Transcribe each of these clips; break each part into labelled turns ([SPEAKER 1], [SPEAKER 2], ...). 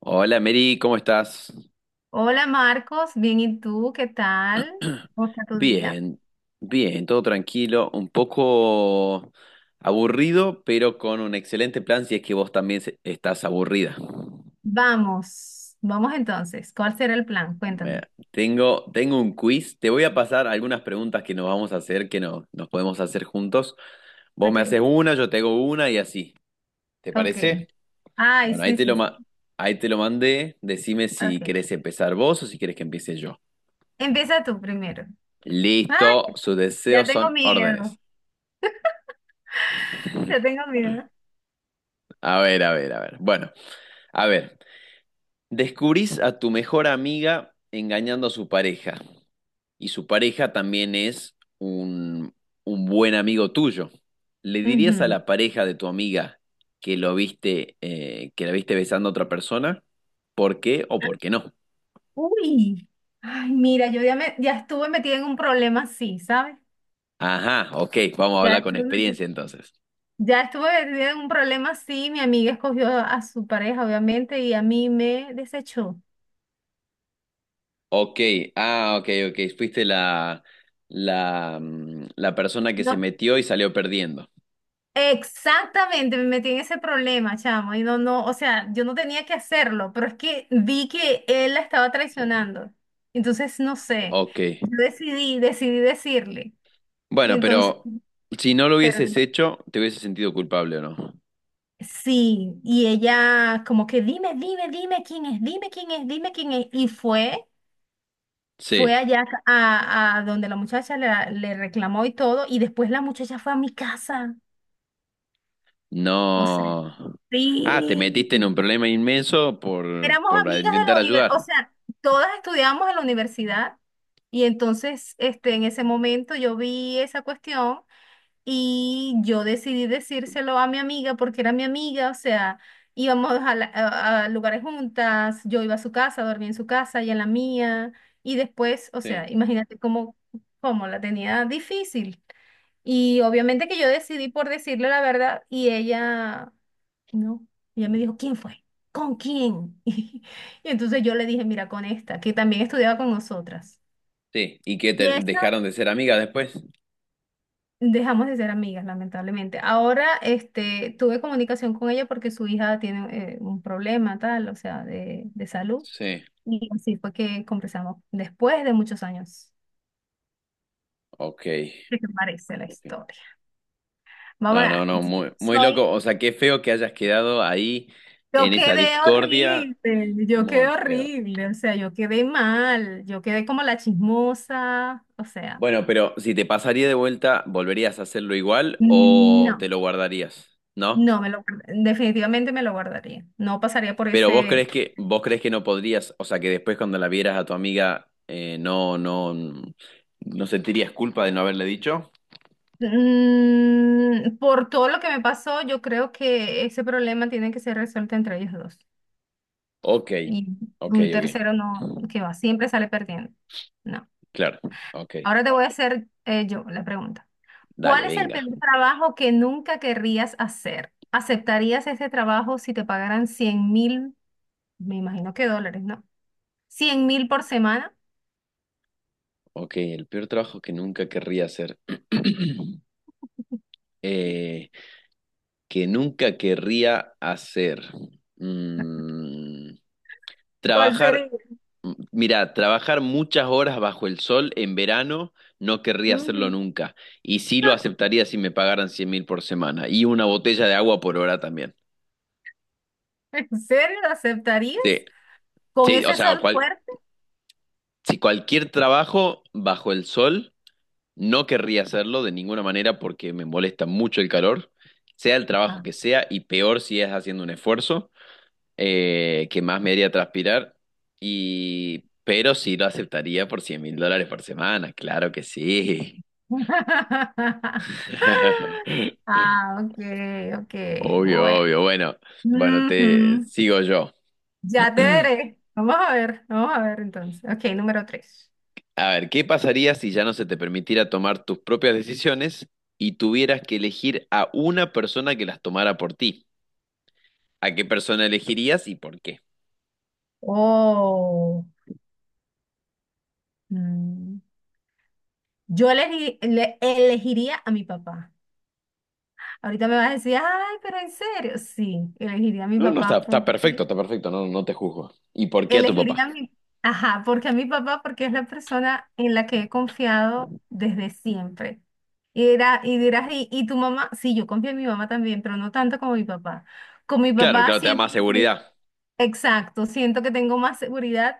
[SPEAKER 1] Hola Mary, ¿cómo estás?
[SPEAKER 2] Hola Marcos, bien, ¿y tú? ¿Qué tal? ¿Cómo está tu día?
[SPEAKER 1] Bien, bien, todo tranquilo, un poco aburrido, pero con un excelente plan si es que vos también estás aburrida.
[SPEAKER 2] Vamos, vamos entonces. ¿Cuál será el plan?
[SPEAKER 1] Me-
[SPEAKER 2] Cuéntame.
[SPEAKER 1] tengo un quiz, te voy a pasar algunas preguntas que nos vamos a hacer, que no, nos podemos hacer juntos. Vos me
[SPEAKER 2] Ok,
[SPEAKER 1] haces una, yo te hago una y así. ¿Te
[SPEAKER 2] ok.
[SPEAKER 1] parece?
[SPEAKER 2] Ay,
[SPEAKER 1] Bueno,
[SPEAKER 2] sí, sí, sí.
[SPEAKER 1] ahí te lo mandé, decime si
[SPEAKER 2] Ok.
[SPEAKER 1] querés empezar vos o si querés que empiece yo.
[SPEAKER 2] Empieza tú primero.
[SPEAKER 1] Listo,
[SPEAKER 2] Ay,
[SPEAKER 1] sus
[SPEAKER 2] ya
[SPEAKER 1] deseos
[SPEAKER 2] tengo
[SPEAKER 1] son
[SPEAKER 2] miedo.
[SPEAKER 1] órdenes.
[SPEAKER 2] Ya tengo miedo.
[SPEAKER 1] A ver, a ver, a ver. Bueno, a ver. Descubrís a tu mejor amiga engañando a su pareja. Y su pareja también es un buen amigo tuyo. ¿Le dirías a
[SPEAKER 2] Ujú.
[SPEAKER 1] la pareja de tu amiga que que la viste besando a otra persona? ¿Por qué o por qué no?
[SPEAKER 2] Uy. Ay, mira, yo ya estuve metida en un problema así, ¿sabes?
[SPEAKER 1] Ajá, ok, vamos a
[SPEAKER 2] Ya
[SPEAKER 1] hablar con
[SPEAKER 2] estuve metida,
[SPEAKER 1] experiencia entonces.
[SPEAKER 2] ya estuve metida en un problema así. Mi amiga escogió a su pareja, obviamente, y a mí me desechó.
[SPEAKER 1] Ok, ah, ok, ok. Fuiste la persona que se
[SPEAKER 2] No.
[SPEAKER 1] metió y salió perdiendo.
[SPEAKER 2] Exactamente, me metí en ese problema, chamo, y no, no, o sea, yo no tenía que hacerlo, pero es que vi que él la estaba traicionando. Entonces, no sé,
[SPEAKER 1] Ok.
[SPEAKER 2] yo decidí decirle. Y
[SPEAKER 1] Bueno,
[SPEAKER 2] entonces,
[SPEAKER 1] pero si no lo hubieses
[SPEAKER 2] perdí.
[SPEAKER 1] hecho, ¿te hubieses sentido culpable o no?
[SPEAKER 2] Sí, y ella como que dime, dime, dime quién es, dime quién es, dime quién es. Y fue
[SPEAKER 1] Sí,
[SPEAKER 2] allá a donde la muchacha le reclamó y todo, y después la muchacha fue a mi casa. O sea,
[SPEAKER 1] no. Ah, te
[SPEAKER 2] sí.
[SPEAKER 1] metiste en un problema inmenso por,
[SPEAKER 2] Éramos
[SPEAKER 1] por
[SPEAKER 2] amigas de
[SPEAKER 1] intentar
[SPEAKER 2] la universidad, o
[SPEAKER 1] ayudar.
[SPEAKER 2] sea, todas estudiábamos en la universidad y entonces, este, en ese momento yo vi esa cuestión y yo decidí decírselo a mi amiga porque era mi amiga, o sea, íbamos a lugares juntas, yo iba a su casa, dormía en su casa y en la mía y después, o
[SPEAKER 1] Sí,
[SPEAKER 2] sea, imagínate cómo la tenía difícil. Y obviamente que yo decidí por decirle la verdad y ella no. Y ella me dijo, ¿quién fue? ¿Con quién? Y entonces yo le dije, mira, con esta, que también estudiaba con nosotras.
[SPEAKER 1] sí. ¿Y que
[SPEAKER 2] Y
[SPEAKER 1] te
[SPEAKER 2] esa
[SPEAKER 1] dejaron de ser amigas después?
[SPEAKER 2] dejamos de ser amigas, lamentablemente. Ahora, este, tuve comunicación con ella porque su hija tiene un problema tal, o sea, de salud.
[SPEAKER 1] Sí,
[SPEAKER 2] Y así fue que conversamos después de muchos años.
[SPEAKER 1] ok,
[SPEAKER 2] ¿Qué te parece la
[SPEAKER 1] ok.
[SPEAKER 2] historia? Vamos
[SPEAKER 1] No, no,
[SPEAKER 2] a,
[SPEAKER 1] no, muy, muy loco.
[SPEAKER 2] soy
[SPEAKER 1] O sea, qué feo que hayas quedado ahí en esa discordia.
[SPEAKER 2] Yo quedé
[SPEAKER 1] Muy feo.
[SPEAKER 2] horrible, o sea, yo quedé mal, yo quedé como la chismosa, o sea,
[SPEAKER 1] Bueno, pero si te pasaría de vuelta, ¿volverías a hacerlo igual o
[SPEAKER 2] no,
[SPEAKER 1] te lo guardarías? ¿No?
[SPEAKER 2] definitivamente me lo guardaría, no pasaría por
[SPEAKER 1] Pero vos
[SPEAKER 2] ese.
[SPEAKER 1] crees que, vos crees que no podrías, o sea, que después cuando la vieras a tu amiga, no, no sentirías culpa de no haberle dicho.
[SPEAKER 2] Mm, por todo lo que me pasó, yo creo que ese problema tiene que ser resuelto entre ellos dos,
[SPEAKER 1] Ok,
[SPEAKER 2] y
[SPEAKER 1] ok,
[SPEAKER 2] un
[SPEAKER 1] ok,
[SPEAKER 2] tercero no, que va, siempre sale perdiendo, no.
[SPEAKER 1] claro, ok,
[SPEAKER 2] Ahora te voy a hacer yo la pregunta. ¿Cuál
[SPEAKER 1] dale,
[SPEAKER 2] es el peor
[SPEAKER 1] venga.
[SPEAKER 2] trabajo que nunca querrías hacer? ¿Aceptarías ese trabajo si te pagaran 100.000, me imagino que dólares, ¿no? ¿100.000 por semana?
[SPEAKER 1] Ok, el peor trabajo que nunca querría hacer. Eh, que nunca querría hacer. Mm,
[SPEAKER 2] ¿Cuál sería?
[SPEAKER 1] Trabajar, mirá, trabajar muchas horas bajo el sol en verano no querría hacerlo
[SPEAKER 2] Mm.
[SPEAKER 1] nunca. Y sí lo aceptaría si me pagaran 100.000 por semana. Y una botella de agua por hora también.
[SPEAKER 2] ¿En serio lo
[SPEAKER 1] Sí,
[SPEAKER 2] aceptarías? ¿Con
[SPEAKER 1] sí, o
[SPEAKER 2] ese
[SPEAKER 1] sea,
[SPEAKER 2] sol fuerte?
[SPEAKER 1] si cualquier trabajo bajo el sol, no querría hacerlo de ninguna manera porque me molesta mucho el calor, sea el trabajo
[SPEAKER 2] Ah.
[SPEAKER 1] que sea, y peor si es haciendo un esfuerzo. Que más me haría transpirar, pero sí lo aceptaría por $100.000 por semana, claro que sí.
[SPEAKER 2] Ah, ok, ok,
[SPEAKER 1] Obvio,
[SPEAKER 2] bueno.
[SPEAKER 1] obvio. Bueno, bueno, te
[SPEAKER 2] Ujú.
[SPEAKER 1] sigo yo.
[SPEAKER 2] Ya te veré. Vamos a ver entonces. Ok, número tres.
[SPEAKER 1] A ver, ¿qué pasaría si ya no se te permitiera tomar tus propias decisiones y tuvieras que elegir a una persona que las tomara por ti? ¿A qué persona elegirías y por qué?
[SPEAKER 2] Oh. Mm. Yo elegiría a mi papá. Ahorita me vas a decir, ay, pero en serio. Sí, elegiría a mi
[SPEAKER 1] No, no, está,
[SPEAKER 2] papá.
[SPEAKER 1] está perfecto,
[SPEAKER 2] Porque
[SPEAKER 1] está perfecto, no, no te juzgo. ¿Y por qué a tu papá?
[SPEAKER 2] elegiría a mi, ajá, porque a mi papá, porque es la persona en la que he confiado desde siempre. Y, y dirás, ¿y tu mamá? Sí, yo confío en mi mamá también, pero no tanto como mi papá. Con mi
[SPEAKER 1] Claro,
[SPEAKER 2] papá
[SPEAKER 1] claro, te da
[SPEAKER 2] siento,
[SPEAKER 1] más seguridad.
[SPEAKER 2] exacto, siento que tengo más seguridad,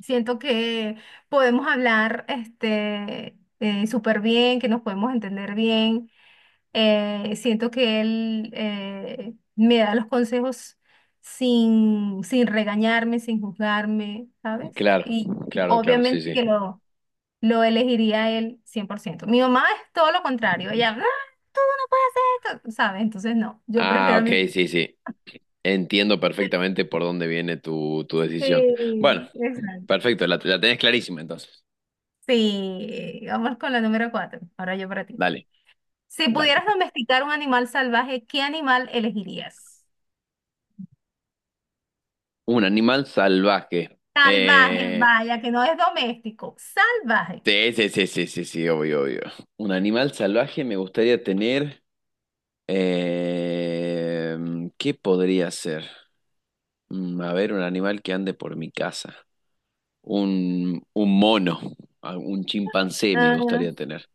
[SPEAKER 2] siento que podemos hablar este, súper bien, que nos podemos entender bien. Siento que él me da los consejos sin regañarme, sin juzgarme, ¿sabes?
[SPEAKER 1] Claro,
[SPEAKER 2] Y
[SPEAKER 1] claro, claro, sí,
[SPEAKER 2] obviamente
[SPEAKER 1] sí.
[SPEAKER 2] que lo elegiría a él 100%. Mi mamá es todo lo contrario, ella, "Ah, esto", ¿sabes? Entonces no, yo
[SPEAKER 1] Ah,
[SPEAKER 2] prefiero a
[SPEAKER 1] ok,
[SPEAKER 2] mi...
[SPEAKER 1] sí, sí. Entiendo perfectamente por dónde viene tu decisión.
[SPEAKER 2] Sí,
[SPEAKER 1] Bueno,
[SPEAKER 2] exacto.
[SPEAKER 1] perfecto, la tenés clarísima entonces.
[SPEAKER 2] Sí, vamos con la número cuatro. Ahora yo para ti.
[SPEAKER 1] Dale,
[SPEAKER 2] Si
[SPEAKER 1] dale.
[SPEAKER 2] pudieras domesticar un animal salvaje, ¿qué animal elegirías?
[SPEAKER 1] Un animal salvaje.
[SPEAKER 2] Salvaje,
[SPEAKER 1] Eh,
[SPEAKER 2] vaya, que no es doméstico, salvaje.
[SPEAKER 1] sí, sí, sí, sí, sí, sí, obvio, obvio. Un animal salvaje me gustaría tener. eh, ¿Qué podría ser? A ver, un animal que ande por mi casa. Un mono, un chimpancé me gustaría tener.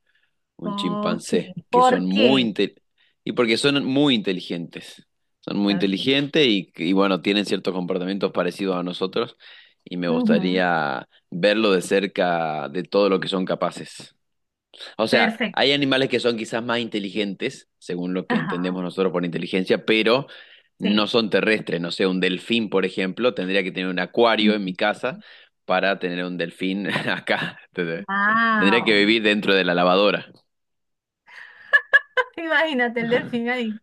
[SPEAKER 1] Un
[SPEAKER 2] Ok,
[SPEAKER 1] chimpancé, que son
[SPEAKER 2] ¿por
[SPEAKER 1] muy
[SPEAKER 2] qué?
[SPEAKER 1] inte- y porque son muy inteligentes. Son muy
[SPEAKER 2] Ok.
[SPEAKER 1] inteligentes y bueno, tienen ciertos comportamientos parecidos a nosotros y me
[SPEAKER 2] Ujú.
[SPEAKER 1] gustaría verlo de cerca de todo lo que son capaces. O sea,
[SPEAKER 2] Perfecto.
[SPEAKER 1] hay animales que son quizás más inteligentes, según lo que
[SPEAKER 2] Ajá,
[SPEAKER 1] entendemos nosotros por inteligencia, pero no
[SPEAKER 2] sí.
[SPEAKER 1] son terrestres. No sé, un delfín, por ejemplo, tendría que tener un acuario en mi casa para tener un delfín acá. Tendría que
[SPEAKER 2] Wow.
[SPEAKER 1] vivir dentro de la lavadora.
[SPEAKER 2] Imagínate el delfín ahí.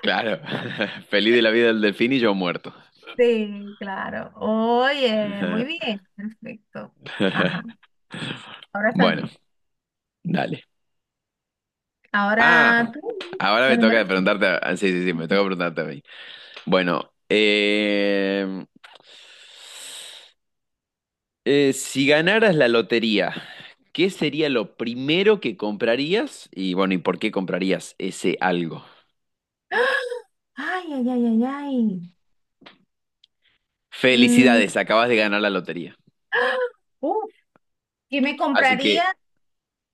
[SPEAKER 1] Claro, feliz de la vida del delfín y yo muerto.
[SPEAKER 2] Sí, claro. Oye, muy bien. Perfecto. Ajá. Ahora
[SPEAKER 1] Bueno,
[SPEAKER 2] también.
[SPEAKER 1] dale.
[SPEAKER 2] Ahora
[SPEAKER 1] Ah,
[SPEAKER 2] tú,
[SPEAKER 1] ahora
[SPEAKER 2] la
[SPEAKER 1] me
[SPEAKER 2] número
[SPEAKER 1] toca
[SPEAKER 2] cinco.
[SPEAKER 1] preguntarte. Sí, sí, sí, me toca preguntarte a mí. Bueno, si ganaras la lotería, ¿qué sería lo primero que comprarías? Y bueno, ¿y por qué comprarías ese algo?
[SPEAKER 2] Ay, ay, ay, ay, ay. Mm,
[SPEAKER 1] Felicidades, acabas de ganar la lotería.
[SPEAKER 2] ¡ah! Uf, ¿qué me
[SPEAKER 1] Así
[SPEAKER 2] compraría?
[SPEAKER 1] que,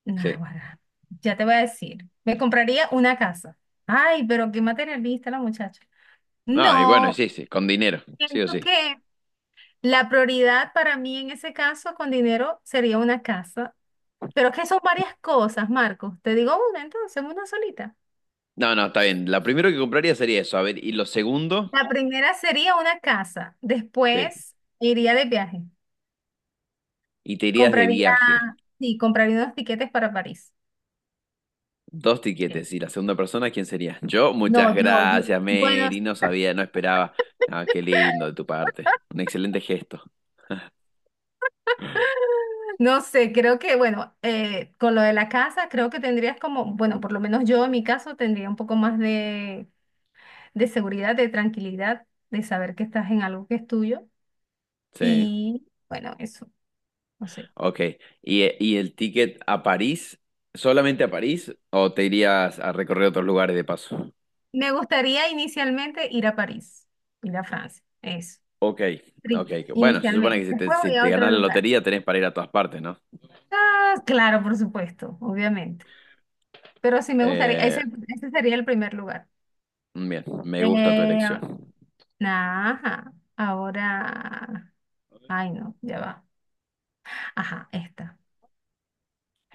[SPEAKER 2] Nah,
[SPEAKER 1] sí.
[SPEAKER 2] guarda, ya te voy a decir. Me compraría una casa. Ay, pero qué materialista la muchacha.
[SPEAKER 1] Ah, y bueno,
[SPEAKER 2] No,
[SPEAKER 1] sí, sí, con dinero, sí o
[SPEAKER 2] siento
[SPEAKER 1] sí.
[SPEAKER 2] que la prioridad para mí en ese caso con dinero sería una casa, pero es que son varias cosas, Marcos. Te digo una entonces, una solita.
[SPEAKER 1] No, no, está bien. La primero que compraría sería eso. A ver, y lo segundo,
[SPEAKER 2] La primera sería una casa,
[SPEAKER 1] sí.
[SPEAKER 2] después iría de viaje,
[SPEAKER 1] Y te irías de
[SPEAKER 2] compraría,
[SPEAKER 1] viaje.
[SPEAKER 2] sí, compraría unos tiquetes para París.
[SPEAKER 1] Dos
[SPEAKER 2] Eh,
[SPEAKER 1] tiquetes. Y la segunda persona, ¿quién sería? Yo, muchas
[SPEAKER 2] No, yo,
[SPEAKER 1] gracias,
[SPEAKER 2] bueno,
[SPEAKER 1] Mary. No sabía, no esperaba. Ah, qué lindo de tu parte. Un excelente gesto.
[SPEAKER 2] no sé, creo que, bueno, con lo de la casa, creo que tendrías como, bueno, por lo menos yo en mi caso tendría un poco más de seguridad, de tranquilidad, de saber que estás en algo que es tuyo.
[SPEAKER 1] Sí.
[SPEAKER 2] Y bueno, eso, no sé.
[SPEAKER 1] Ok. ¿Y el ticket a París? ¿Solamente a París? ¿O te irías a recorrer otros lugares de paso?
[SPEAKER 2] Me gustaría inicialmente ir a París, ir a Francia, eso,
[SPEAKER 1] Ok,
[SPEAKER 2] Pri-
[SPEAKER 1] ok. Bueno, se supone que
[SPEAKER 2] inicialmente.
[SPEAKER 1] si te,
[SPEAKER 2] Después
[SPEAKER 1] si
[SPEAKER 2] voy a
[SPEAKER 1] te
[SPEAKER 2] otro
[SPEAKER 1] ganas la
[SPEAKER 2] lugar.
[SPEAKER 1] lotería tenés para ir a todas partes, ¿no?
[SPEAKER 2] Ah, claro, por supuesto, obviamente. Pero sí me gustaría, ese,
[SPEAKER 1] Eh,
[SPEAKER 2] ese sería el primer lugar.
[SPEAKER 1] Bien, me gusta tu
[SPEAKER 2] Eh,
[SPEAKER 1] elección.
[SPEAKER 2] ajá, ahora, ay no, ya va. Ajá, esta.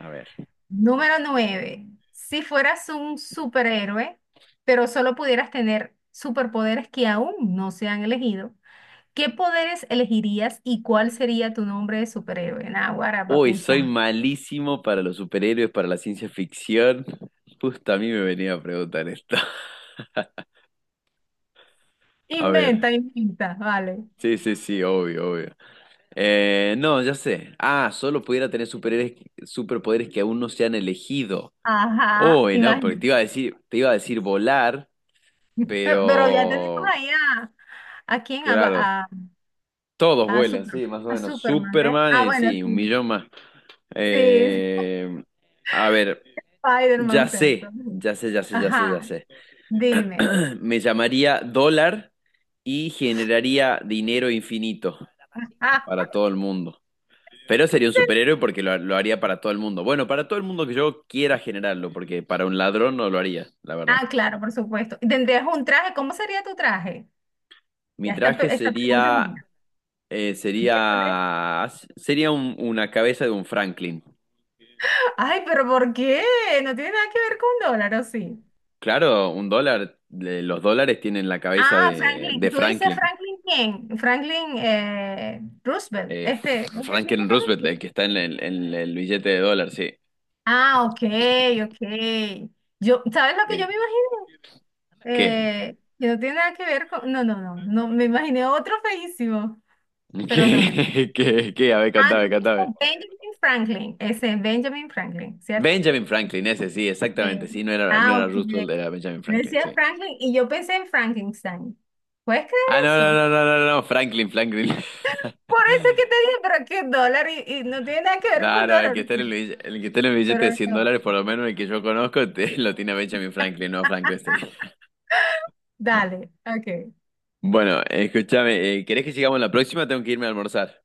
[SPEAKER 1] A ver.
[SPEAKER 2] Número nueve. Si fueras un superhéroe, pero solo pudieras tener superpoderes que aún no se han elegido. ¿Qué poderes elegirías y cuál sería tu nombre de superhéroe? Naguará, para
[SPEAKER 1] Uy, soy
[SPEAKER 2] pensar.
[SPEAKER 1] malísimo para los superhéroes, para la ciencia ficción. Justo a mí me venía a preguntar esto. A ver.
[SPEAKER 2] Inventa, inventa, vale.
[SPEAKER 1] Sí, sí, sí, obvio, obvio. No, ya sé. Ah, solo pudiera tener superpoderes que aún no se han elegido.
[SPEAKER 2] Ajá,
[SPEAKER 1] Uy, no, porque te
[SPEAKER 2] imagina.
[SPEAKER 1] iba a decir, te iba a decir volar,
[SPEAKER 2] Pero ya tenemos
[SPEAKER 1] pero
[SPEAKER 2] ahí ¿a quién? A,
[SPEAKER 1] claro, todos
[SPEAKER 2] a
[SPEAKER 1] vuelan, sí,
[SPEAKER 2] Superman.
[SPEAKER 1] más o
[SPEAKER 2] A
[SPEAKER 1] menos.
[SPEAKER 2] Superman, ¿eh?
[SPEAKER 1] Superman,
[SPEAKER 2] Ah, bueno,
[SPEAKER 1] sí, un
[SPEAKER 2] sí.
[SPEAKER 1] millón más.
[SPEAKER 2] Sí, sí,
[SPEAKER 1] Eh, a ver,
[SPEAKER 2] Spider-Man,
[SPEAKER 1] ya
[SPEAKER 2] o sea, todo
[SPEAKER 1] sé,
[SPEAKER 2] bien.
[SPEAKER 1] ya sé, ya sé, ya sé, ya
[SPEAKER 2] Ajá,
[SPEAKER 1] sé.
[SPEAKER 2] dime.
[SPEAKER 1] Me llamaría dólar y generaría dinero infinito
[SPEAKER 2] Ah,
[SPEAKER 1] para todo el mundo. Pero sería un
[SPEAKER 2] sí.
[SPEAKER 1] superhéroe porque lo haría para todo el mundo. Bueno, para todo el mundo que yo quiera generarlo, porque para un ladrón no lo haría, la verdad.
[SPEAKER 2] Ah, claro, por supuesto. ¿Y ¿Tendrías un traje? ¿Cómo sería tu traje?
[SPEAKER 1] Mi
[SPEAKER 2] Ya esta,
[SPEAKER 1] traje
[SPEAKER 2] esta pregunta es mía.
[SPEAKER 1] eh,
[SPEAKER 2] Verde.
[SPEAKER 1] sería, sería una cabeza de un Franklin.
[SPEAKER 2] Ay, pero ¿por qué? No tiene nada que ver con dólar, ¿o sí?
[SPEAKER 1] Claro, un dólar, los dólares tienen la cabeza
[SPEAKER 2] Ah,
[SPEAKER 1] de
[SPEAKER 2] Franklin, tú dices
[SPEAKER 1] Franklin.
[SPEAKER 2] Franklin ¿quién? Franklin Roosevelt,
[SPEAKER 1] Eh,
[SPEAKER 2] este, ¿es el mismo
[SPEAKER 1] Franklin
[SPEAKER 2] que
[SPEAKER 1] Roosevelt, el
[SPEAKER 2] Roosevelt?
[SPEAKER 1] que está en el billete de dólar, sí.
[SPEAKER 2] Ah, ok, ok. Yo, ¿sabes lo que yo
[SPEAKER 1] Bien.
[SPEAKER 2] me
[SPEAKER 1] ¿Qué?
[SPEAKER 2] imaginé? Que no tiene nada que ver con, no, no, no, no, me imaginé otro feísimo, pero no, no.
[SPEAKER 1] ¿Qué, qué, qué? A ver,
[SPEAKER 2] Ah, tú
[SPEAKER 1] cantame,
[SPEAKER 2] dices
[SPEAKER 1] cantame.
[SPEAKER 2] Benjamin Franklin, ese es Benjamin Franklin, ¿cierto?
[SPEAKER 1] Benjamin Franklin, ese sí, exactamente.
[SPEAKER 2] Eh,
[SPEAKER 1] Sí, no era, no
[SPEAKER 2] ah,
[SPEAKER 1] era
[SPEAKER 2] ok.
[SPEAKER 1] Roosevelt, era Benjamin Franklin,
[SPEAKER 2] Decía
[SPEAKER 1] sí.
[SPEAKER 2] Franklin y yo pensé en Frankenstein. ¿Puedes creer
[SPEAKER 1] Ah, no, no,
[SPEAKER 2] eso?
[SPEAKER 1] no, no, no, no, Franklin, Franklin.
[SPEAKER 2] Por eso es que te dije, pero aquí es dólar y no tiene nada que ver
[SPEAKER 1] No,
[SPEAKER 2] con
[SPEAKER 1] no, el
[SPEAKER 2] dólar.
[SPEAKER 1] que está en el billete, el que está en el billete
[SPEAKER 2] Pero
[SPEAKER 1] de 100
[SPEAKER 2] no.
[SPEAKER 1] dólares, por lo menos el que yo conozco, lo tiene Benjamin Franklin, no Frankenstein.
[SPEAKER 2] Dale, ok.
[SPEAKER 1] Bueno, escúchame, ¿querés que sigamos la próxima? Tengo que irme a almorzar.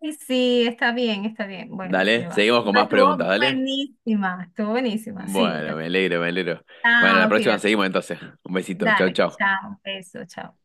[SPEAKER 2] Ay, sí, está bien, está bien. Bueno,
[SPEAKER 1] Dale,
[SPEAKER 2] ya va.
[SPEAKER 1] seguimos con
[SPEAKER 2] Pero
[SPEAKER 1] más
[SPEAKER 2] estuvo
[SPEAKER 1] preguntas, dale.
[SPEAKER 2] buenísima, estuvo buenísima. Sí,
[SPEAKER 1] Bueno, me
[SPEAKER 2] ok.
[SPEAKER 1] alegro, me alegro. Bueno, la
[SPEAKER 2] Chao,
[SPEAKER 1] próxima
[SPEAKER 2] cuídate.
[SPEAKER 1] seguimos entonces. Un besito, chao,
[SPEAKER 2] Dale,
[SPEAKER 1] chao.
[SPEAKER 2] chao, beso, chao.